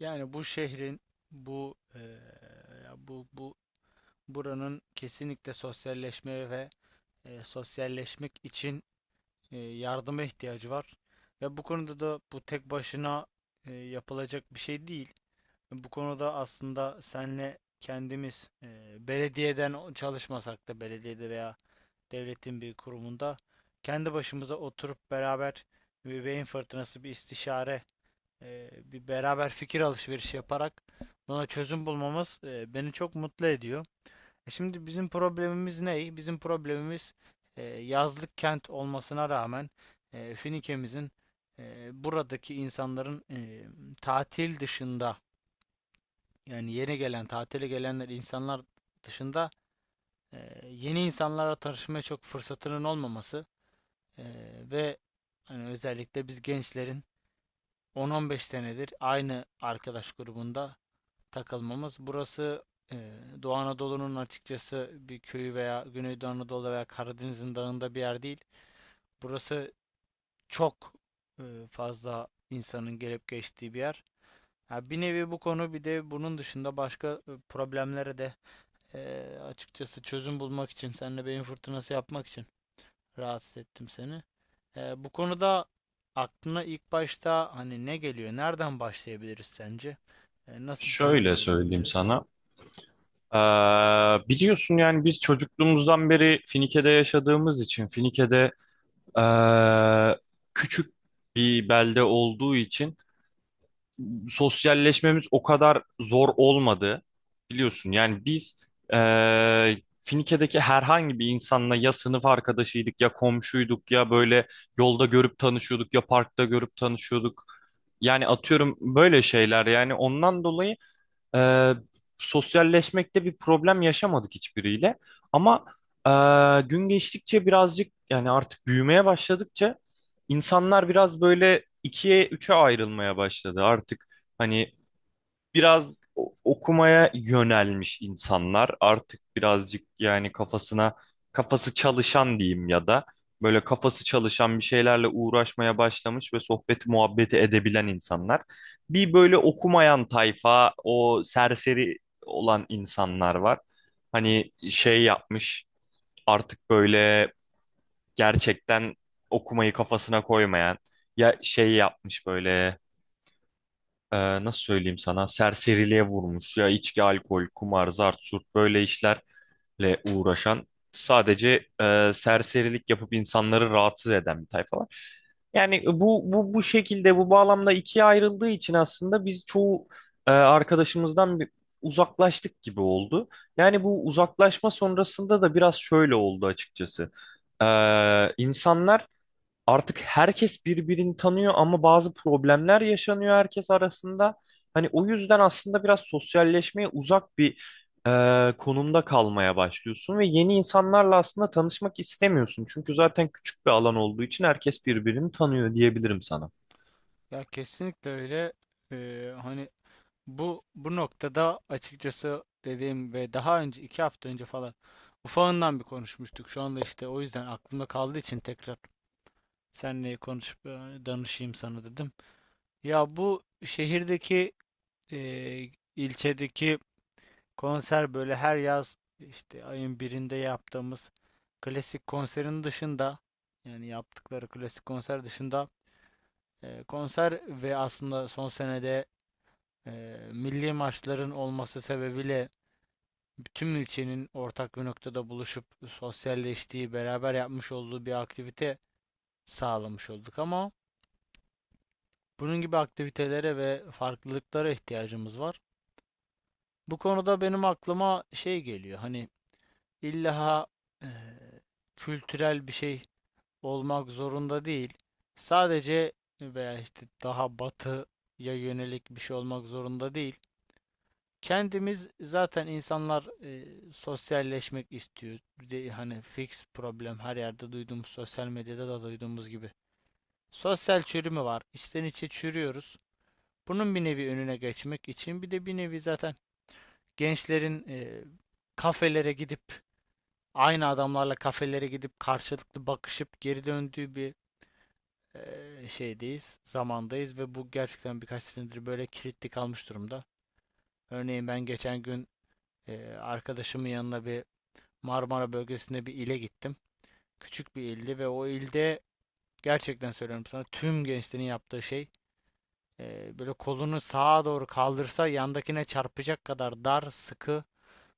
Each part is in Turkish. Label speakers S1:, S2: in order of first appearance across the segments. S1: Yani bu şehrin, bu ya bu bu buranın kesinlikle sosyalleşmeye ve sosyalleşmek için yardıma ihtiyacı var. Ve bu konuda da bu tek başına yapılacak bir şey değil. Bu konuda aslında senle kendimiz belediyeden çalışmasak da belediyede veya devletin bir kurumunda kendi başımıza oturup beraber bir beyin fırtınası, bir istişare, bir beraber fikir alışverişi yaparak buna çözüm bulmamız beni çok mutlu ediyor. Şimdi bizim problemimiz ne? Bizim problemimiz yazlık kent olmasına rağmen Finike'mizin, buradaki insanların tatil dışında, yani yeni gelen, tatile gelenler insanlar dışında, yeni insanlara tanışmaya çok fırsatının olmaması e, ve hani özellikle biz gençlerin 10-15 senedir aynı arkadaş grubunda takılmamız. Burası e, Doğu Anadolu'nun açıkçası bir köyü veya Güneydoğu Anadolu veya Karadeniz'in dağında bir yer değil. Burası çok fazla insanın gelip geçtiği bir yer. Ha, bir nevi bu konu bir de bunun dışında başka problemlere de, açıkçası çözüm bulmak için, seninle beyin fırtınası yapmak için rahatsız ettim seni. Bu konuda aklına ilk başta hani ne geliyor, nereden başlayabiliriz sence? Nasıl bir çözüm
S2: Şöyle
S1: yolu
S2: söyleyeyim
S1: bulabiliriz?
S2: sana. Ee, Biliyorsun yani biz çocukluğumuzdan beri Finike'de yaşadığımız için Finike'de ee, küçük bir belde olduğu için sosyalleşmemiz o kadar zor olmadı. Biliyorsun yani biz ee, Finike'deki herhangi bir insanla ya sınıf arkadaşıydık ya komşuyduk ya böyle yolda görüp tanışıyorduk ya parkta görüp tanışıyorduk. Yani atıyorum böyle şeyler, yani ondan dolayı ee, sosyalleşmekte bir problem yaşamadık hiçbiriyle. Ama e, gün geçtikçe birazcık, yani artık büyümeye başladıkça insanlar biraz böyle ikiye üçe ayrılmaya başladı. Artık hani biraz okumaya yönelmiş insanlar, artık birazcık yani kafası çalışan diyeyim, ya da böyle kafası çalışan bir şeylerle uğraşmaya başlamış ve sohbeti muhabbeti edebilen insanlar. Bir böyle okumayan tayfa, o serseri olan insanlar var. Hani şey yapmış artık böyle gerçekten okumayı kafasına koymayan, ya şey yapmış böyle, e, nasıl söyleyeyim sana, serseriliğe vurmuş ya: içki, alkol, kumar, zart, zurt böyle işlerle uğraşan, sadece serserilik yapıp insanları rahatsız eden bir tayfa var. Yani bu şekilde, bu bağlamda ikiye ayrıldığı için aslında biz çoğu arkadaşımızdan bir uzaklaştık gibi oldu. Yani bu uzaklaşma sonrasında da biraz şöyle oldu açıkçası. E, insanlar, artık herkes birbirini tanıyor ama bazı problemler yaşanıyor herkes arasında. Hani o yüzden aslında biraz sosyalleşmeye uzak bir konumda kalmaya başlıyorsun ve yeni insanlarla aslında tanışmak istemiyorsun. Çünkü zaten küçük bir alan olduğu için herkes birbirini tanıyor diyebilirim sana.
S1: Ya kesinlikle öyle. Hani bu noktada açıkçası dediğim ve daha önce iki hafta önce falan ufağından bir konuşmuştuk. Şu anda işte o yüzden aklımda kaldığı için tekrar seninle konuşup danışayım sana dedim. Ya bu şehirdeki e, ilçedeki konser, böyle her yaz işte ayın birinde yaptığımız klasik konserin dışında, yani yaptıkları klasik konser dışında konser ve aslında son senede Eee, milli maçların olması sebebiyle bütün ilçenin ortak bir noktada buluşup sosyalleştiği, beraber yapmış olduğu bir aktivite sağlamış olduk, ama bunun gibi aktivitelere ve farklılıklara ihtiyacımız var. Bu konuda benim aklıma şey geliyor. Hani illa eee, kültürel bir şey olmak zorunda değil. Sadece veya işte daha batıya yönelik bir şey olmak zorunda değil. Kendimiz zaten insanlar sosyalleşmek istiyor. De, hani fix problem her yerde duyduğumuz, sosyal medyada da duyduğumuz gibi. Sosyal çürüme var. İçten içe çürüyoruz. Bunun bir nevi önüne geçmek için bir de bir nevi zaten gençlerin kafelere gidip aynı adamlarla kafelere gidip karşılıklı bakışıp geri döndüğü bir şeydeyiz, zamandayız ve bu gerçekten birkaç senedir böyle kilitli kalmış durumda. Örneğin ben geçen gün arkadaşımın yanına bir Marmara bölgesinde bir ile gittim. Küçük bir ildi ve o ilde gerçekten söylüyorum sana, tüm gençlerin yaptığı şey, böyle kolunu sağa doğru kaldırsa yandakine çarpacak kadar dar, sıkı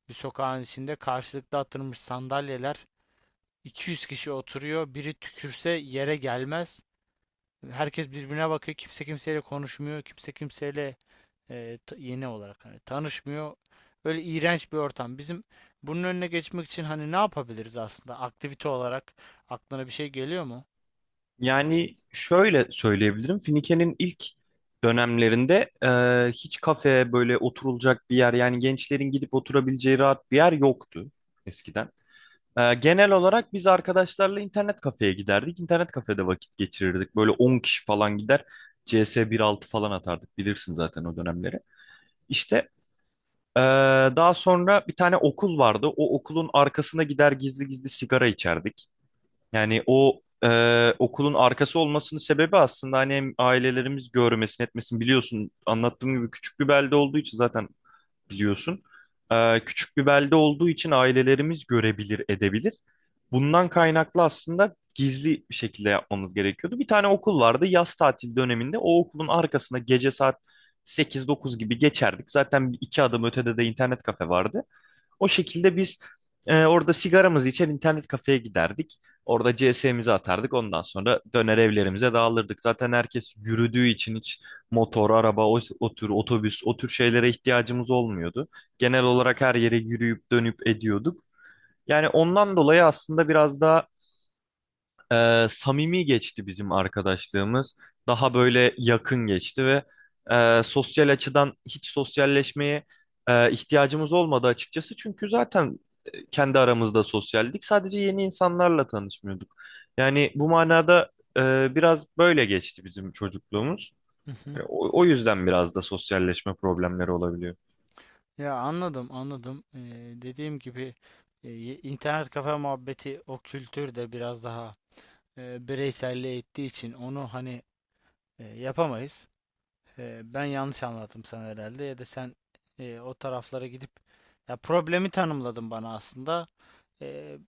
S1: bir sokağın içinde karşılıklı atılmış sandalyeler, 200 kişi oturuyor. Biri tükürse yere gelmez. Herkes birbirine bakıyor. Kimse kimseyle konuşmuyor. Kimse kimseyle yeni olarak hani tanışmıyor. Öyle iğrenç bir ortam. Bizim bunun önüne geçmek için hani ne yapabiliriz aslında? Aktivite olarak aklına bir şey geliyor mu?
S2: Yani şöyle söyleyebilirim: Finike'nin ilk dönemlerinde hiç kafe, böyle oturulacak bir yer, yani gençlerin gidip oturabileceği rahat bir yer yoktu eskiden. Genel olarak biz arkadaşlarla internet kafeye giderdik. İnternet kafede vakit geçirirdik. Böyle 10 kişi falan gider, CS 1.6 falan atardık. Bilirsin zaten o dönemleri. İşte ee, daha sonra bir tane okul vardı. O okulun arkasına gider, gizli gizli sigara içerdik. Yani o okulun arkası olmasının sebebi aslında hani hem ailelerimiz görmesin etmesin, biliyorsun anlattığım gibi küçük bir belde olduğu için zaten biliyorsun. Küçük bir belde olduğu için ailelerimiz görebilir, edebilir. Bundan kaynaklı aslında gizli bir şekilde yapmamız gerekiyordu. Bir tane okul vardı yaz tatil döneminde. O okulun arkasına gece saat sekiz dokuz gibi geçerdik. Zaten iki adım ötede de internet kafe vardı. O şekilde biz orada sigaramızı içer, internet kafeye giderdik. Orada CS'mizi atardık. Ondan sonra döner, evlerimize dağılırdık. Zaten herkes yürüdüğü için hiç motor, araba, o tür otobüs, o tür şeylere ihtiyacımız olmuyordu. Genel olarak her yere yürüyüp dönüp ediyorduk. Yani ondan dolayı aslında biraz daha samimi geçti bizim arkadaşlığımız. Daha böyle yakın geçti ve sosyal açıdan hiç sosyalleşmeye ihtiyacımız olmadı açıkçası. Çünkü zaten kendi aramızda sosyaldik. Sadece yeni insanlarla tanışmıyorduk. Yani bu manada biraz böyle geçti bizim çocukluğumuz.
S1: Hı hı.
S2: O yüzden biraz da sosyalleşme problemleri olabiliyor.
S1: Ya anladım, anladım. Dediğim gibi, internet kafe muhabbeti o kültürde biraz daha bireyselliğe ettiği için onu hani yapamayız. Ben yanlış anlattım sana herhalde, ya da sen o taraflara gidip ya problemi tanımladın bana aslında. E,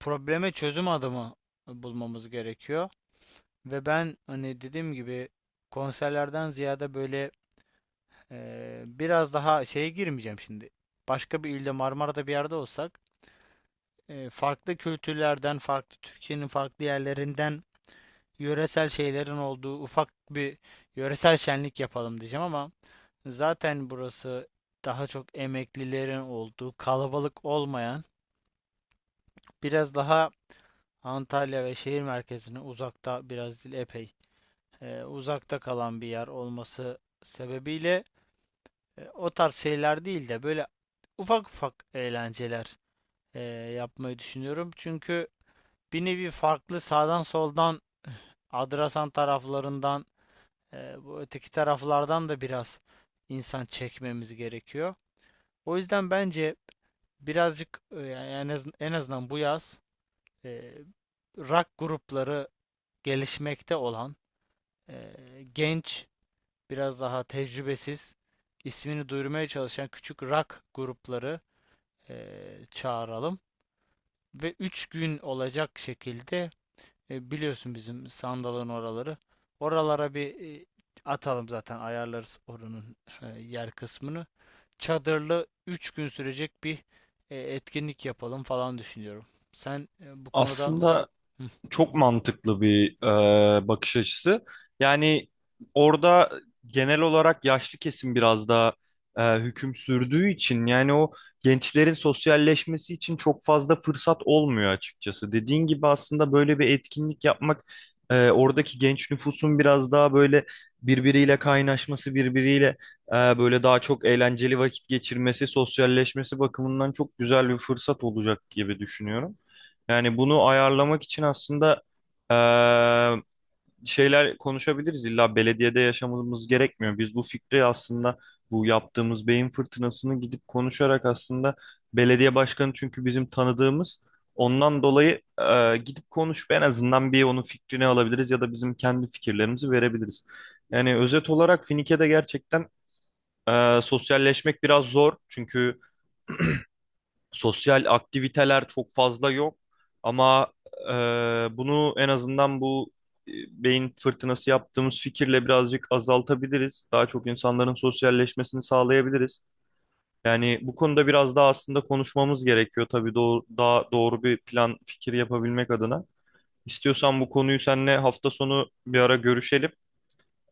S1: Probleme çözüm adımı bulmamız gerekiyor. Ve ben hani dediğim gibi konserlerden ziyade böyle biraz daha şeye girmeyeceğim şimdi. Başka bir ilde Marmara'da bir yerde olsak farklı kültürlerden, farklı Türkiye'nin farklı yerlerinden yöresel şeylerin olduğu ufak bir yöresel şenlik yapalım diyeceğim, ama zaten burası daha çok emeklilerin olduğu, kalabalık olmayan, biraz daha Antalya ve şehir merkezine uzakta, biraz değil epey uzakta kalan bir yer olması sebebiyle o tarz şeyler değil de böyle ufak ufak eğlenceler e, yapmayı düşünüyorum. Çünkü bir nevi farklı sağdan soldan Adrasan taraflarından, bu öteki taraflardan da biraz insan çekmemiz gerekiyor. O yüzden bence birazcık yani en azından bu yaz e, rock grupları, gelişmekte olan, e, genç, biraz daha tecrübesiz, ismini duyurmaya çalışan küçük rock grupları çağıralım. Ve 3 gün olacak şekilde biliyorsun bizim sandalın oraları. Oralara bir atalım, zaten ayarlarız oranın yer kısmını. Çadırlı 3 gün sürecek bir etkinlik yapalım falan düşünüyorum. Sen bu konuda
S2: Aslında
S1: Hı,
S2: çok mantıklı bir bakış açısı. Yani orada genel olarak yaşlı kesim biraz daha hüküm sürdüğü için, yani o gençlerin sosyalleşmesi için çok fazla fırsat olmuyor açıkçası. Dediğin gibi aslında böyle bir etkinlik yapmak oradaki genç nüfusun biraz daha böyle birbiriyle kaynaşması, birbiriyle böyle daha çok eğlenceli vakit geçirmesi, sosyalleşmesi bakımından çok güzel bir fırsat olacak gibi düşünüyorum. Yani bunu ayarlamak için aslında eee, şeyler konuşabiliriz. İlla belediyede yaşamamız gerekmiyor. Biz bu fikri, aslında bu yaptığımız beyin fırtınasını, gidip konuşarak aslında, belediye başkanı çünkü bizim tanıdığımız. Ondan dolayı gidip konuşup en azından bir onun fikrini alabiliriz ya da bizim kendi fikirlerimizi verebiliriz. Yani özet olarak Finike'de gerçekten sosyalleşmek biraz zor. Çünkü sosyal aktiviteler çok fazla yok, ama e, bunu en azından bu e, beyin fırtınası yaptığımız fikirle birazcık azaltabiliriz. Daha çok insanların sosyalleşmesini sağlayabiliriz. Yani bu konuda biraz daha aslında konuşmamız gerekiyor tabii, daha doğru bir plan, fikir yapabilmek adına. İstiyorsan bu konuyu seninle hafta sonu bir ara görüşelim.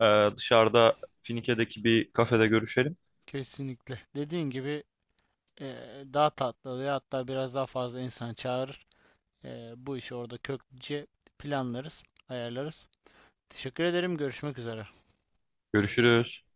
S2: Dışarıda, Finike'deki bir kafede görüşelim.
S1: kesinlikle dediğin gibi e, daha tatlı oluyor. Hatta biraz daha fazla insan çağırır. Bu işi orada kökçe planlarız, ayarlarız. Teşekkür ederim. Görüşmek üzere.
S2: Görüşürüz.